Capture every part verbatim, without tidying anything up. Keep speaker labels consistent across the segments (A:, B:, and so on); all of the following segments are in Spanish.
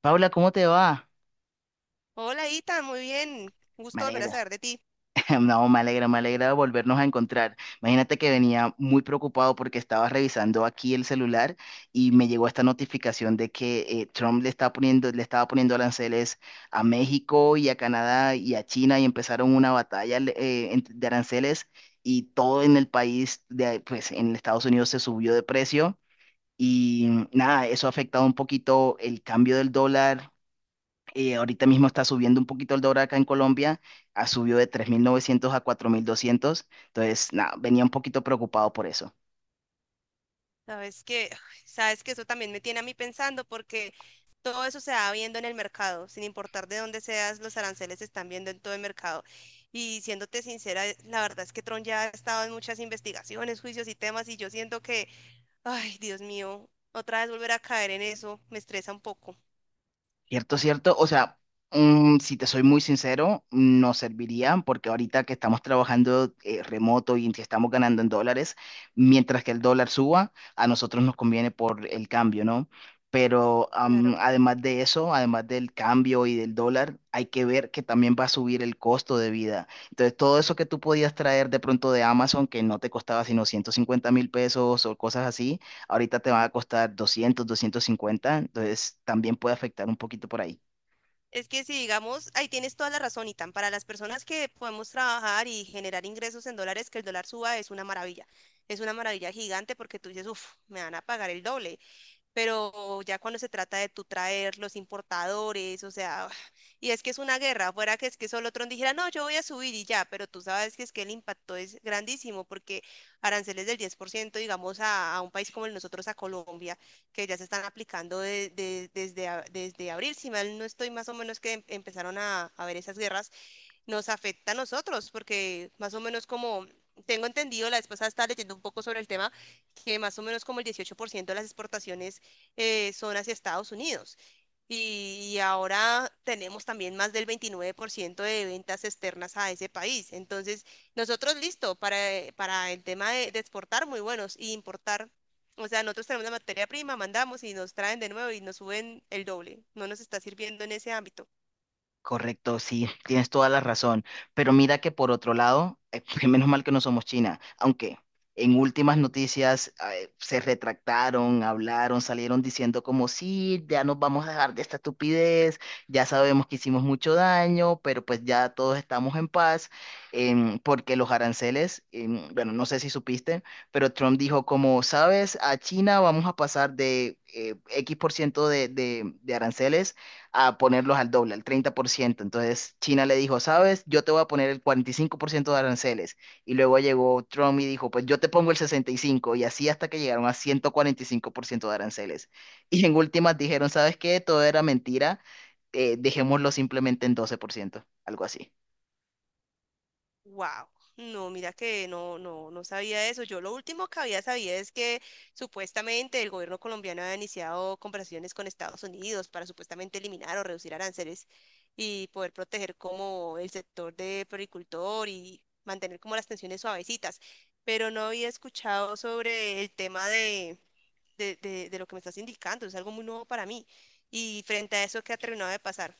A: Paula, ¿cómo te va?
B: Hola, Ita, muy bien. Un
A: Me
B: gusto volver a
A: alegra.
B: saber de ti.
A: No, me alegra, me alegra volvernos a encontrar. Imagínate que venía muy preocupado porque estaba revisando aquí el celular y me llegó esta notificación de que eh, Trump le está poniendo, le estaba poniendo aranceles a México y a Canadá y a China y empezaron una batalla eh, ent- de aranceles y todo en el país, de, pues en Estados Unidos se subió de precio y nada, eso ha afectado un poquito el cambio del dólar. Eh, ahorita mismo está subiendo un poquito el dólar acá en Colombia, ha subido de tres mil novecientos a cuatro mil doscientos. Entonces nada, venía un poquito preocupado por eso.
B: Sabes que, ay, sabes que eso también me tiene a mí pensando porque todo eso se va viendo en el mercado, sin importar de dónde seas, los aranceles se están viendo en todo el mercado. Y siéndote sincera, eh, la verdad es que Tron ya ha estado en muchas investigaciones, juicios y temas y yo siento que, ay, Dios mío, otra vez volver a caer en eso me estresa un poco.
A: Cierto, cierto. O sea, mm, si te soy muy sincero, no serviría porque ahorita que estamos trabajando eh, remoto y que estamos ganando en dólares, mientras que el dólar suba, a nosotros nos conviene por el cambio, ¿no? Pero am,
B: Claro.
A: además de eso, además del cambio y del dólar, hay que ver que también va a subir el costo de vida. Entonces, todo eso que tú podías traer de pronto de Amazon, que no te costaba sino ciento cincuenta mil pesos o cosas así, ahorita te va a costar doscientos, doscientos cincuenta. Entonces también puede afectar un poquito por ahí.
B: Es que si digamos, ahí tienes toda la razón, Itan, para las personas que podemos trabajar y generar ingresos en dólares, que el dólar suba es una maravilla. Es una maravilla gigante porque tú dices, uff, me van a pagar el doble, pero ya cuando se trata de tú traer los importadores, o sea, y es que es una guerra, fuera que es que solo Trump dijera, no, yo voy a subir y ya, pero tú sabes que es que el impacto es grandísimo porque aranceles del diez por ciento, digamos, a, a un país como el nosotros, a Colombia, que ya se están aplicando de- de- desde, a- desde abril, si mal no estoy, más o menos que em- empezaron a, a ver esas guerras, nos afecta a nosotros, porque más o menos como tengo entendido, la vez pasada estaba leyendo un poco sobre el tema, que más o menos como el dieciocho por ciento de las exportaciones eh, son hacia Estados Unidos. Y, y ahora tenemos también más del veintinueve por ciento de ventas externas a ese país. Entonces, nosotros listo para, eh, para el tema de, de exportar, muy buenos, y importar. O sea, nosotros tenemos la materia prima, mandamos y nos traen de nuevo y nos suben el doble. No nos está sirviendo en ese ámbito.
A: Correcto, sí, tienes toda la razón. Pero mira que por otro lado, eh, menos mal que no somos China, aunque en últimas noticias eh, se retractaron, hablaron, salieron diciendo como sí, ya nos vamos a dejar de esta estupidez, ya sabemos que hicimos mucho daño, pero pues ya todos estamos en paz. Em, porque los aranceles, em, bueno, no sé si supiste, pero Trump dijo como, sabes, a China vamos a pasar de eh, X por ciento de de- de aranceles a ponerlos al doble, al treinta por ciento. Entonces China le dijo, sabes, yo te voy a poner el cuarenta y cinco por ciento de aranceles. Y luego llegó Trump y dijo, pues yo te pongo el sesenta Y cinco por ciento, y así hasta que llegaron a ciento cuarenta y cinco por ciento de aranceles. Y en últimas dijeron, ¿sabes qué? Todo era mentira. Eh, dejémoslo simplemente en doce por ciento, algo así.
B: Wow, no, mira que no, no, no sabía eso. Yo lo último que había sabido es que supuestamente el gobierno colombiano había iniciado conversaciones con Estados Unidos para supuestamente eliminar o reducir aranceles y poder proteger como el sector de floricultor y mantener como las tensiones suavecitas. Pero no había escuchado sobre el tema de, de, de, de lo que me estás indicando. Es algo muy nuevo para mí. Y frente a eso, ¿qué ha terminado de pasar?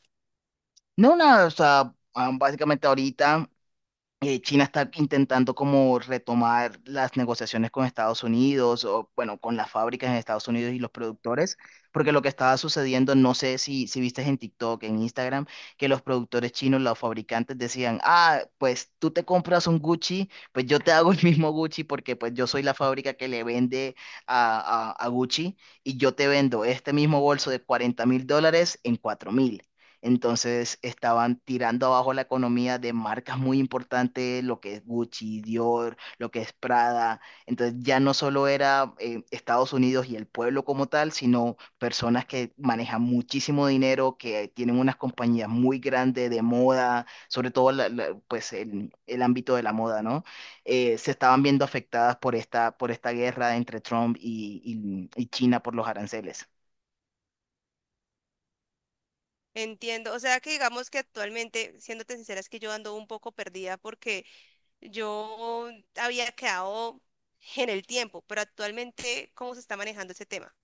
A: No, nada, o sea, ah, básicamente ahorita eh, China está intentando como retomar las negociaciones con Estados Unidos o bueno, con las fábricas en Estados Unidos y los productores, porque lo que estaba sucediendo, no sé si, si viste en TikTok, en Instagram, que los productores chinos, los fabricantes decían, ah, pues tú te compras un Gucci, pues yo te hago el mismo Gucci porque pues yo soy la fábrica que le vende a, a, a Gucci, y yo te vendo este mismo bolso de cuarenta mil dólares en cuatro mil. Entonces estaban tirando abajo la economía de marcas muy importantes, lo que es Gucci, Dior, lo que es Prada. Entonces ya no solo era eh, Estados Unidos y el pueblo como tal, sino personas que manejan muchísimo dinero, que tienen unas compañías muy grandes de moda, sobre todo la- la- pues el, el ámbito de la moda, ¿no? Eh, se estaban viendo afectadas por esta, por esta guerra entre Trump y y- y China por los aranceles.
B: Entiendo, o sea que digamos que actualmente, siéndote sincera, es que yo ando un poco perdida porque yo había quedado en el tiempo, pero actualmente, ¿cómo se está manejando ese tema?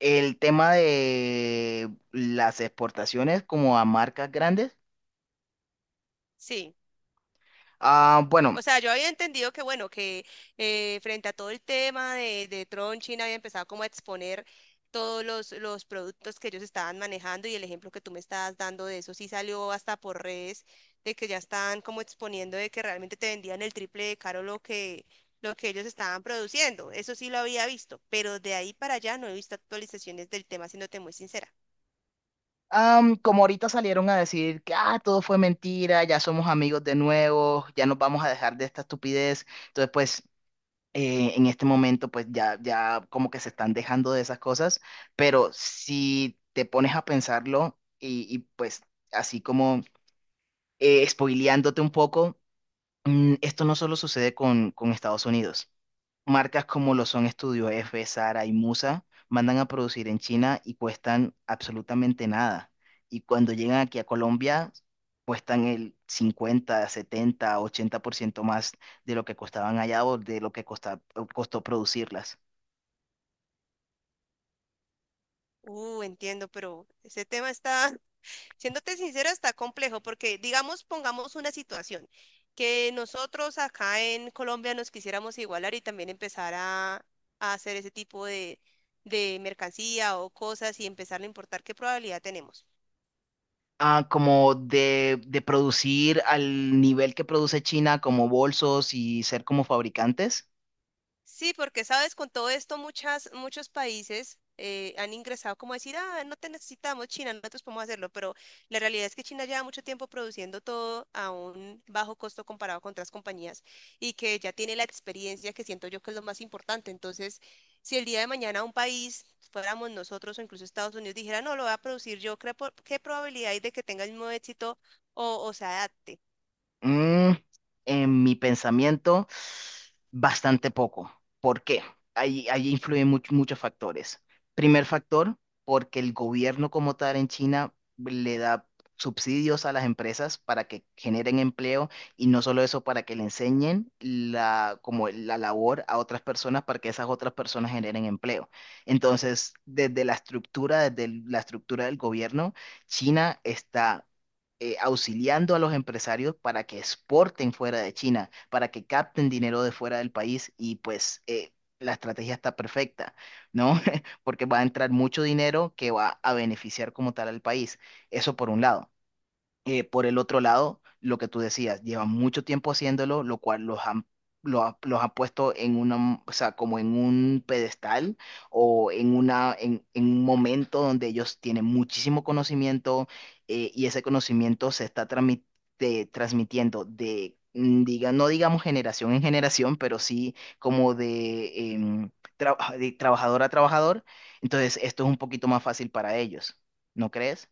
A: El tema de las exportaciones como a marcas grandes.
B: Sí.
A: Ah, bueno,
B: O sea, yo había entendido que, bueno, que eh, frente a todo el tema de, de Tron, China había empezado como a exponer todos los, los productos que ellos estaban manejando y el ejemplo que tú me estabas dando de eso sí salió hasta por redes, de que ya estaban como exponiendo de que realmente te vendían el triple de caro lo que, lo que ellos estaban produciendo. Eso sí lo había visto, pero de ahí para allá no he visto actualizaciones del tema, siéndote muy sincera.
A: am, como ahorita salieron a decir que ah, todo fue mentira, ya somos amigos de nuevo, ya nos vamos a dejar de esta estupidez. Entonces, pues, eh, en este momento, pues ya, ya como que se están dejando de esas cosas. Pero si te pones a pensarlo y, y, pues así como eh, spoileándote un poco, mm, esto no solo sucede con, con Estados Unidos. Marcas como lo son Estudio F, Zara y Musa mandan a producir en China y cuestan absolutamente nada. Y cuando llegan aquí a Colombia, cuestan el cincuenta, setenta, ochenta por ciento más de lo que costaban allá o de lo que costa- costó producirlas.
B: Uh, entiendo, pero ese tema está, siéndote sincera, está complejo porque, digamos, pongamos una situación que nosotros acá en Colombia nos quisiéramos igualar y también empezar a, a hacer ese tipo de, de mercancía o cosas y empezar a importar, ¿qué probabilidad tenemos?
A: Ah, como de, de producir al nivel que produce China, como bolsos y ser como fabricantes.
B: Sí, porque sabes, con todo esto muchas, muchos países eh, han ingresado como a decir, ah, no te necesitamos China, no nosotros podemos hacerlo, pero la realidad es que China lleva mucho tiempo produciendo todo a un bajo costo comparado con otras compañías y que ya tiene la experiencia que siento yo que es lo más importante. Entonces, si el día de mañana un país, fuéramos nosotros o incluso Estados Unidos, dijera, no, lo voy a producir yo, ¿qué, po- qué probabilidad hay de que tenga el mismo éxito o, o se adapte?
A: Mm, en mi pensamiento, bastante poco. ¿Por qué? Ahí, ahí influyen much- muchos factores. Primer factor, porque el gobierno como tal en China le da subsidios a las empresas para que generen empleo, y no solo eso, para que le enseñen la, como la labor a otras personas para que esas otras personas generen empleo. Entonces, desde la estructura, desde el- la estructura del gobierno, China está eh, auxiliando a los empresarios para que exporten fuera de China, para que capten dinero de fuera del país, y pues eh, la estrategia está perfecta, ¿no? Porque va a entrar mucho dinero que va a beneficiar como tal al país. Eso por un lado. Eh, por el otro lado, lo que tú decías, llevan mucho tiempo haciéndolo, lo cual los han, lo ha- los ha puesto en una, o sea, como en un pedestal o en una, en, en un momento donde ellos tienen muchísimo conocimiento, eh, y ese conocimiento se está trami- de- transmitiendo de, mm, diga, no digamos generación en generación, pero sí como de, em, tra- de trabajador a trabajador. Entonces, esto es un poquito más fácil para ellos, ¿no crees?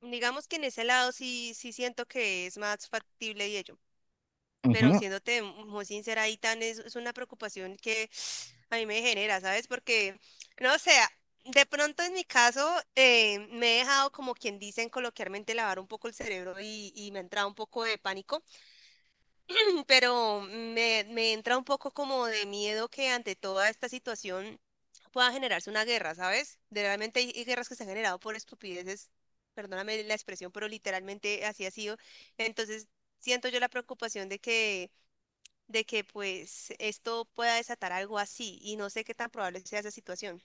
B: Digamos que en ese lado sí, sí siento que es más factible y ello. Pero
A: Ujú.
B: siéndote muy sincera, ahí tan es, es una preocupación que a mí me genera, ¿sabes? Porque, no sé, de pronto en mi caso eh, me he dejado, como quien dicen coloquialmente, lavar un poco el cerebro y, y me ha entrado un poco de pánico. Pero me, me entra un poco como de miedo que ante toda esta situación pueda generarse una guerra, ¿sabes? De- realmente hay hay guerras que se han generado por estupideces, perdóname la expresión, pero literalmente así ha sido. Entonces, siento yo la preocupación de que de que pues esto pueda desatar algo así y no sé qué tan probable sea esa situación.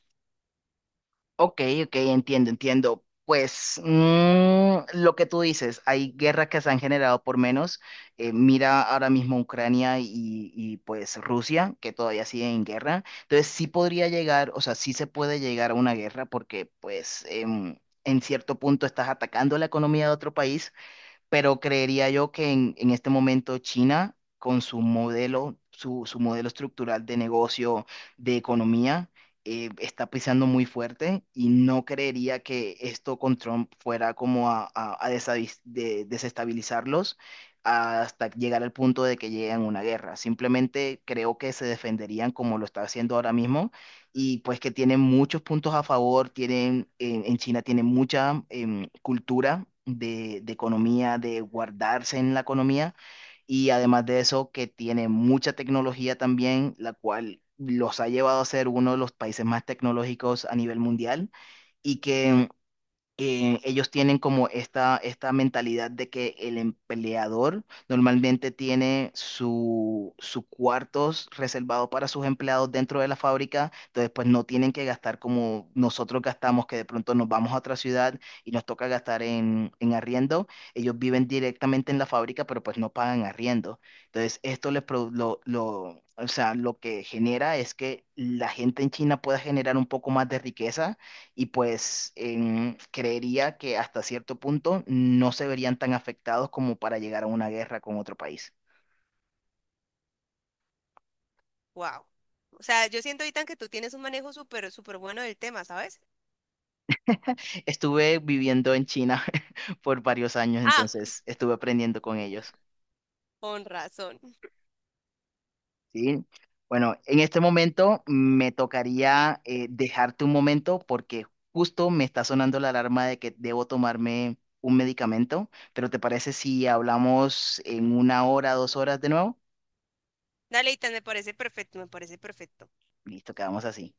A: Ok, ok, entiendo, entiendo. Pues mm, lo que tú dices, hay guerras que se han generado por menos. Eh, mira ahora mismo Ucrania y, y, pues Rusia, que todavía siguen en guerra. Entonces sí podría llegar, o sea, sí se puede llegar a una guerra porque pues em, en cierto punto estás atacando la economía de otro país, pero creería yo que en, en este momento China, con su modelo, su, su modelo estructural de negocio, de economía, eh, está pisando muy fuerte, y no creería que esto con Trump fuera como a, a- a desavis- de- desestabilizarlos hasta llegar al punto de que lleguen a una guerra. Simplemente creo que se defenderían como lo está haciendo ahora mismo, y pues que tienen muchos puntos a favor. Tienen, en en China tienen mucha em, cultura de, de economía, de guardarse en la economía, y además de eso que tiene mucha tecnología también, la cual los ha llevado a ser uno de los países más tecnológicos a nivel mundial, y que eh, ellos tienen como esta, esta mentalidad de que el empleador normalmente tiene su, su cuartos reservado para sus empleados dentro de la fábrica. Entonces pues no tienen que gastar como nosotros gastamos, que de pronto nos vamos a otra ciudad y nos toca gastar en, en arriendo. Ellos viven directamente en la fábrica, pero pues no pagan arriendo. Entonces esto les produ- lo, lo, o sea, lo que genera es que la gente en China pueda generar un poco más de riqueza, y pues em, creería que hasta cierto punto no se verían tan afectados como para llegar a una guerra con otro país.
B: Wow. O sea, yo siento, Itan, que tú tienes un manejo súper, súper bueno del tema, ¿sabes?
A: Estuve viviendo en China por varios años,
B: Ah,
A: entonces estuve aprendiendo con ellos,
B: con razón.
A: ¿sí? Bueno, en este momento me tocaría eh, dejarte un momento porque justo me está sonando la alarma de que debo tomarme un medicamento, pero ¿te parece si hablamos en una hora, dos horas de nuevo?
B: Dale, Itan, me parece perfecto, me parece perfecto.
A: Listo, quedamos así.